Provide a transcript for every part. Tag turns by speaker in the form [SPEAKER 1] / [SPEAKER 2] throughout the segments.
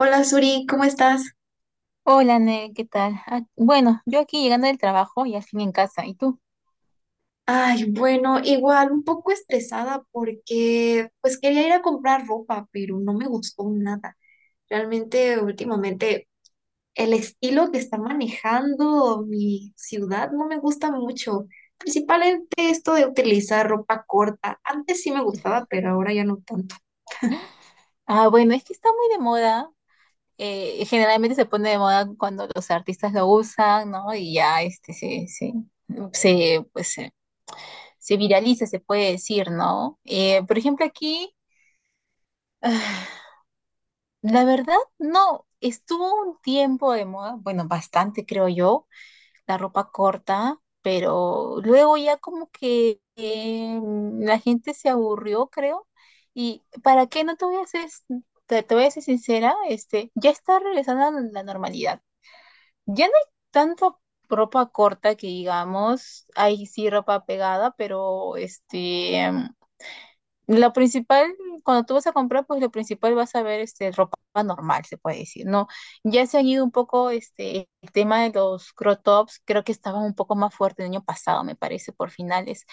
[SPEAKER 1] Hola Suri, ¿cómo estás?
[SPEAKER 2] Hola, Nel, ¿qué tal? Bueno, yo aquí llegando del trabajo y al fin en casa. ¿Y tú?
[SPEAKER 1] Ay, bueno, igual un poco estresada porque pues quería ir a comprar ropa, pero no me gustó nada. Realmente últimamente el estilo que está manejando mi ciudad no me gusta mucho. Principalmente esto de utilizar ropa corta. Antes sí me gustaba, pero ahora ya no tanto.
[SPEAKER 2] Bueno, es que está muy de moda. Generalmente se pone de moda cuando los artistas lo usan, ¿no? Y ya este se, pues, se, se viraliza, se puede decir, ¿no? Por ejemplo, aquí, ah, la verdad, no, estuvo un tiempo de moda, bueno, bastante creo yo, la ropa corta, pero luego ya como que la gente se aburrió, creo. Y para qué no te voy a ser, te voy a ser sincera, este, ya está regresando a la normalidad. Ya no hay tanta ropa corta que digamos, hay sí ropa pegada, pero este lo principal, cuando tú vas a comprar, pues lo principal vas a ver este, ropa normal, se puede decir, ¿no? Ya se han ido un poco este, el tema de los crop tops, creo que estaba un poco más fuerte el año pasado, me parece, por finales,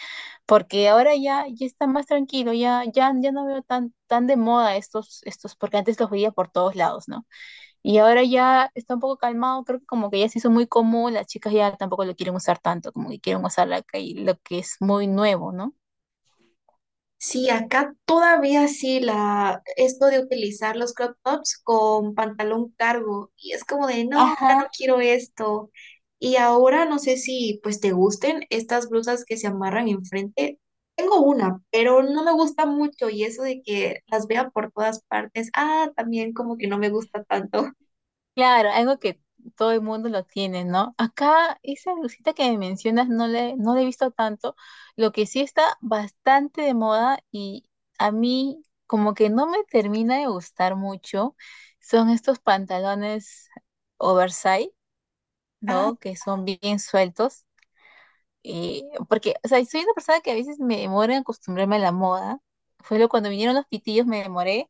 [SPEAKER 2] porque ahora ya, ya está más tranquilo, ya, ya, ya no veo tan, tan de moda estos, estos, porque antes los veía por todos lados, ¿no? Y ahora ya está un poco calmado, creo que como que ya se hizo muy común, las chicas ya tampoco lo quieren usar tanto, como que quieren usar la, que- lo que es muy nuevo, ¿no?
[SPEAKER 1] Sí, acá todavía sí la esto de utilizar los crop tops con pantalón cargo y es como de no, ya no
[SPEAKER 2] Ajá.
[SPEAKER 1] quiero esto. Y ahora no sé si pues te gusten estas blusas que se amarran enfrente. Tengo una, pero no me gusta mucho y eso de que las vea por todas partes, ah, también como que no me gusta tanto.
[SPEAKER 2] Claro, algo que todo el mundo lo tiene, ¿no? Acá esa blusita que me mencionas no le, no la he visto tanto. Lo que sí está bastante de moda y a mí como que no me termina de gustar mucho son estos pantalones oversize, ¿no? Que son bien sueltos. Y porque, o sea, soy una persona que a veces me demora en acostumbrarme a la moda. Fue lo cuando vinieron los pitillos me demoré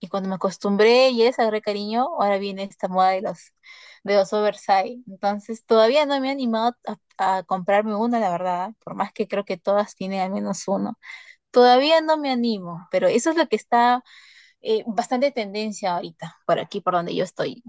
[SPEAKER 2] y cuando me acostumbré y les agarré cariño, ahora viene esta moda de los oversize. Entonces, todavía no me he animado a comprarme una la verdad, por más que creo que todas tienen al menos uno. Todavía no me animo, pero eso es lo que está bastante tendencia ahorita, por aquí, por donde yo estoy.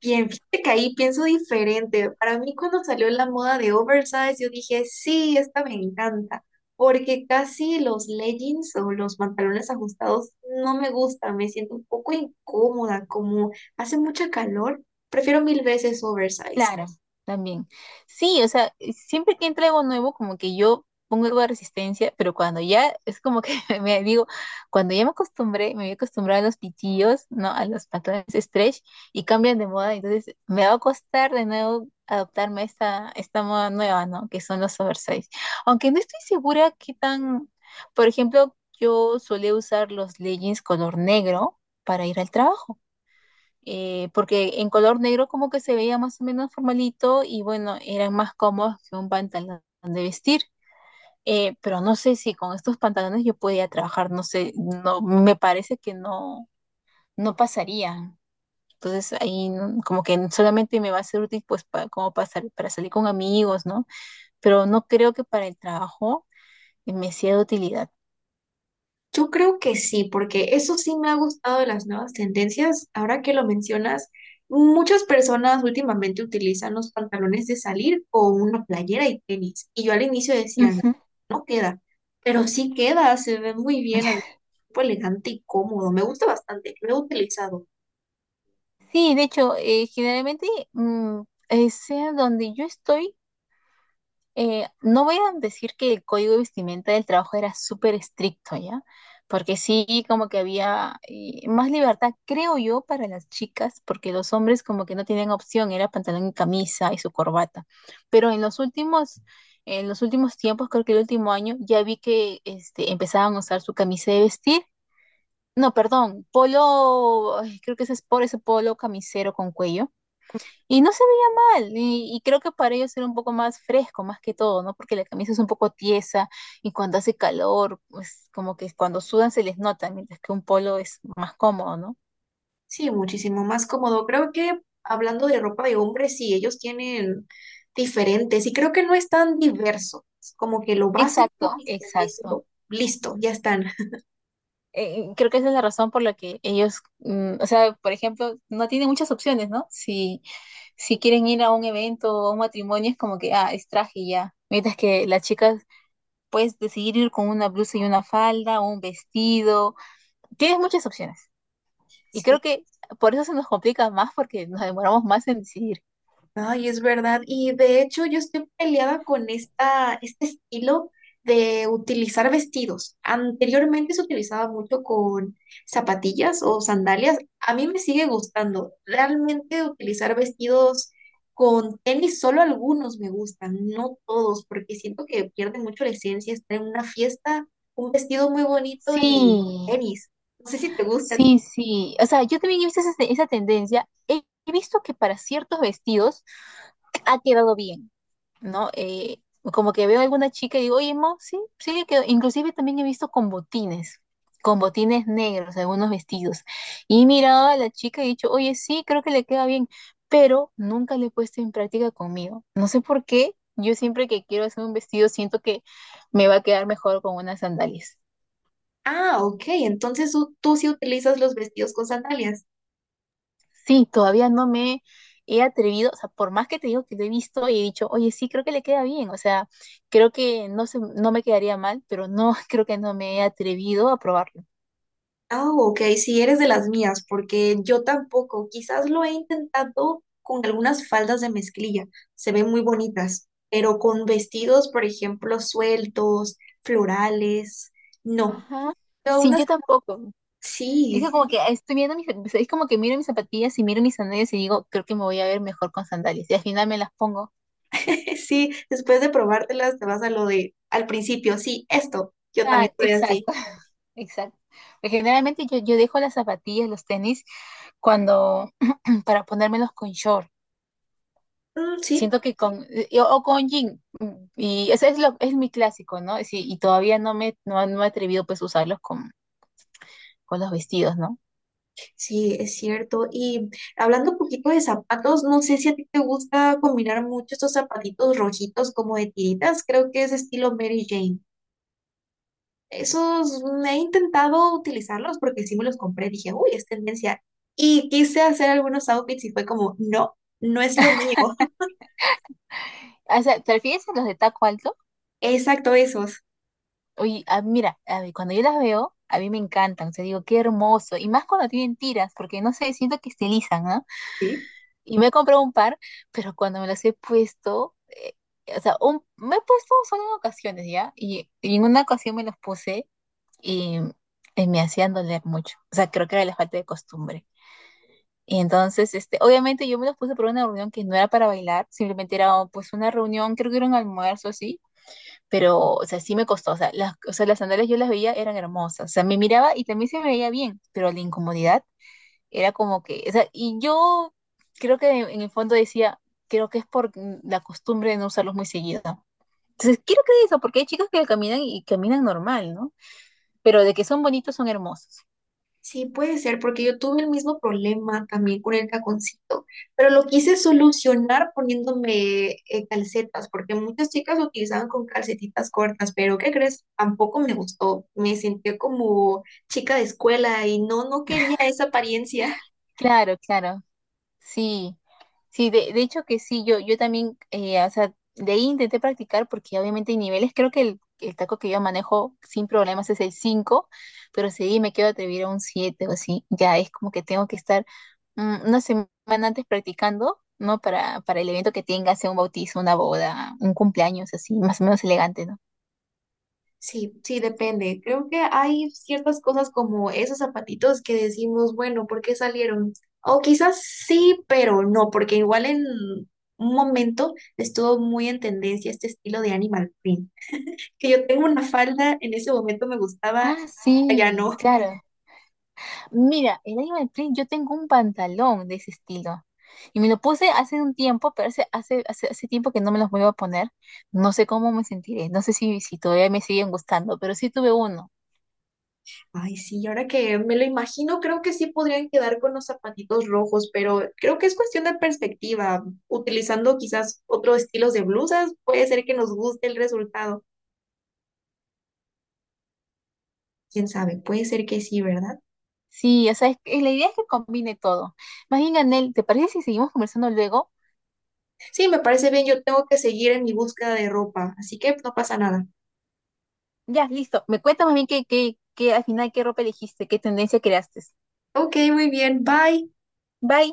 [SPEAKER 1] Bien, fíjate que ahí pienso diferente. Para mí cuando salió la moda de oversize, yo dije, sí, esta me encanta, porque casi los leggings o los pantalones ajustados no me gustan, me siento un poco incómoda, como hace mucha calor, prefiero mil veces oversize.
[SPEAKER 2] Claro, también. Sí, o sea, siempre que entra algo nuevo, como que yo pongo algo de resistencia, pero cuando ya es como que me digo, cuando ya me acostumbré, me había acostumbrado a los pitillos, ¿no? A los patrones stretch y cambian de moda, entonces me va a costar de nuevo adaptarme a esta, esta moda nueva, ¿no? Que son los oversize. Aunque no estoy segura qué tan, por ejemplo, yo solía usar los leggings color negro para ir al trabajo porque en color negro como que se veía más o menos formalito y bueno, eran más cómodos que un pantalón de vestir. Pero no sé si con estos pantalones yo podía trabajar, no sé, no, me parece que no, no pasaría. Entonces ahí no- como que solamente me va a ser útil pues para, como pasar, para salir con amigos, ¿no? Pero no creo que para el trabajo me sea de utilidad.
[SPEAKER 1] Yo creo que sí, porque eso sí me ha gustado de las nuevas tendencias. Ahora que lo mencionas, muchas personas últimamente utilizan los pantalones de salir con una playera y tenis. Y yo al inicio decía, no,
[SPEAKER 2] Ujú.
[SPEAKER 1] no queda, pero sí queda, se ve muy bien, al cuerpo elegante y cómodo. Me gusta bastante, lo he utilizado.
[SPEAKER 2] Sí, de hecho, generalmente, mm, sea donde yo estoy, no voy a decir que el código de vestimenta del trabajo era súper estricto, ¿ya? Porque sí, como que había más libertad, creo yo, para las chicas, porque los hombres como que no tenían opción, era pantalón y camisa y su corbata. Pero en los últimos tiempos, creo que el último año, ya vi que este, empezaban a usar su camisa de vestir. No, perdón, polo, ay, creo que ese es por ese polo camisero con cuello y no se veía mal, y creo que para ellos era un poco más fresco, más que todo, ¿no? Porque la camisa es un poco tiesa y cuando hace calor, pues como que cuando sudan se les nota, mientras que un polo es más cómodo, ¿no?
[SPEAKER 1] Sí, muchísimo más cómodo. Creo que hablando de ropa de hombres, sí, ellos tienen diferentes y creo que no es tan diverso. Es como que lo básico
[SPEAKER 2] Exacto,
[SPEAKER 1] y con
[SPEAKER 2] exacto.
[SPEAKER 1] eso, listo, ya están.
[SPEAKER 2] Creo que esa es la razón por la que ellos, o sea, por ejemplo, no tienen muchas opciones, ¿no? Si, si quieren ir a un evento o a un matrimonio, es como que, ah, es traje y ya. Mientras que las chicas puedes decidir ir con una blusa y una falda o un vestido. Tienes muchas opciones. Y
[SPEAKER 1] Sí,
[SPEAKER 2] creo que por eso se nos complica más porque nos demoramos más en decidir.
[SPEAKER 1] ay, es verdad. Y de hecho, yo estoy peleada con esta, este estilo de utilizar vestidos. Anteriormente se utilizaba mucho con zapatillas o sandalias. A mí me sigue gustando. Realmente utilizar vestidos con tenis, solo algunos me gustan, no todos, porque siento que pierde mucho la esencia estar en una fiesta, un vestido muy bonito y
[SPEAKER 2] Sí,
[SPEAKER 1] tenis. No sé si te gusta.
[SPEAKER 2] sí, sí. O sea, yo también he visto esa, esa tendencia. He visto que para ciertos vestidos ha quedado bien, ¿no? Como que veo a alguna chica y digo, oye, Mo, sí, sí le quedó. Inclusive también he visto con botines negros, algunos vestidos. Y he mirado a la chica y he dicho, oye, sí, creo que le queda bien, pero nunca le he puesto en práctica conmigo. No sé por qué, yo siempre que quiero hacer un vestido siento que me va a quedar mejor con unas sandalias.
[SPEAKER 1] Ah, ok, entonces tú sí utilizas los vestidos con sandalias.
[SPEAKER 2] Sí, todavía no me he atrevido, o sea, por más que te digo que lo he visto y he dicho, oye, sí, creo que le queda bien, o sea, creo que no se, no me quedaría mal, pero no, creo que no me he atrevido a probarlo.
[SPEAKER 1] Ah, ok, si eres de las mías, porque yo tampoco, quizás lo he intentado con algunas faldas de mezclilla, se ven muy bonitas, pero con vestidos, por ejemplo, sueltos, florales, no.
[SPEAKER 2] Ajá.
[SPEAKER 1] Pero aún
[SPEAKER 2] Sí, yo
[SPEAKER 1] así,
[SPEAKER 2] tampoco. Es que
[SPEAKER 1] sí,
[SPEAKER 2] como que sí, estoy viendo mis, o sea, es como que miro mis zapatillas y miro mis sandalias y digo, creo que me voy a ver mejor con sandalias. Y al final me las pongo.
[SPEAKER 1] sí, después de probártelas te vas a lo de al principio, sí, esto, yo también
[SPEAKER 2] Ah,
[SPEAKER 1] soy así.
[SPEAKER 2] exacto, exacto. Porque generalmente yo dejo las zapatillas, los tenis, cuando, para ponérmelos con short.
[SPEAKER 1] Mm, sí.
[SPEAKER 2] Siento que con, y- o con Jin, y ese es lo, es mi clásico, ¿no? Sí, y todavía no me, no, no he atrevido pues a usarlos con los vestidos, ¿no?
[SPEAKER 1] Sí, es cierto. Y hablando un poquito de zapatos, no sé si a ti te gusta combinar mucho estos zapatitos rojitos como de tiritas, creo que es estilo Mary Jane. Esos mm, he intentado utilizarlos porque sí me los compré, dije, uy, es tendencia. Y quise hacer algunos outfits y fue como, no, no es lo mío.
[SPEAKER 2] O sea, ¿te refieres a los de taco alto?
[SPEAKER 1] Exacto, esos.
[SPEAKER 2] Oye, mira, a ver, cuando yo las veo, a mí me encantan, o sea, digo, qué hermoso, y más cuando tienen tiras, porque no sé, siento que estilizan, ¿no? Y me he comprado un par, pero cuando me las he puesto, o sea, un- me he puesto solo en ocasiones, ¿ya? Y en una ocasión me los puse y, y me hacían doler mucho, o sea, creo que era la falta de costumbre. Y entonces, este, obviamente yo me los puse por una reunión que no era para bailar, simplemente era oh, pues una reunión, creo que era un almuerzo así, pero, o sea, sí me costó, o sea, las sandalias yo las veía, eran hermosas, o sea, me miraba y también se me veía bien, pero la incomodidad era como que, o sea, y yo creo que en el fondo decía, creo que es por la costumbre de no usarlos muy seguido. Entonces, quiero creer eso, porque hay chicas que caminan y caminan normal, ¿no? Pero de que son bonitos, son hermosos.
[SPEAKER 1] Sí, puede ser, porque yo tuve el mismo problema también con el taconcito, pero lo quise solucionar poniéndome calcetas, porque muchas chicas lo utilizaban con calcetitas cortas, pero ¿qué crees? Tampoco me gustó, me sentí como chica de escuela y no, no quería esa apariencia.
[SPEAKER 2] Claro, claro. Sí, sí, de hecho que sí, yo también, o sea, de ahí intenté practicar porque obviamente hay niveles, creo que el taco que yo manejo sin problemas es el 5, pero sí me quiero atrever a un 7 o así, ya es como que tengo que estar una semana antes practicando, ¿no? Para el evento que tenga, sea un bautizo, una boda, un cumpleaños, así, más o menos elegante, ¿no?
[SPEAKER 1] Sí, sí, depende. Creo que hay ciertas cosas como esos zapatitos que decimos, bueno, ¿por qué salieron? O quizás sí, pero no, porque igual en un momento estuvo muy en tendencia este estilo de animal print. Que yo tengo una falda, en ese momento me gustaba,
[SPEAKER 2] Ah,
[SPEAKER 1] ya
[SPEAKER 2] sí,
[SPEAKER 1] no.
[SPEAKER 2] claro. Mira, el animal print, yo tengo un pantalón de ese estilo. Y me lo puse hace un tiempo, pero hace tiempo que no me los vuelvo a poner. No sé cómo me sentiré, no sé si, si todavía me siguen gustando, pero sí tuve uno.
[SPEAKER 1] Ay, sí, ahora que me lo imagino, creo que sí podrían quedar con los zapatitos rojos, pero creo que es cuestión de perspectiva. Utilizando quizás otros estilos de blusas, puede ser que nos guste el resultado. Quién sabe, puede ser que sí, ¿verdad?
[SPEAKER 2] Sí, o sea, es que- la idea es que combine todo. Más bien, Anel, ¿te parece si seguimos conversando luego?
[SPEAKER 1] Sí, me parece bien, yo tengo que seguir en mi búsqueda de ropa, así que no pasa nada.
[SPEAKER 2] Ya, listo. Me cuentas más bien que al final qué ropa elegiste, qué tendencia creaste.
[SPEAKER 1] Ok, muy bien, bye.
[SPEAKER 2] Bye.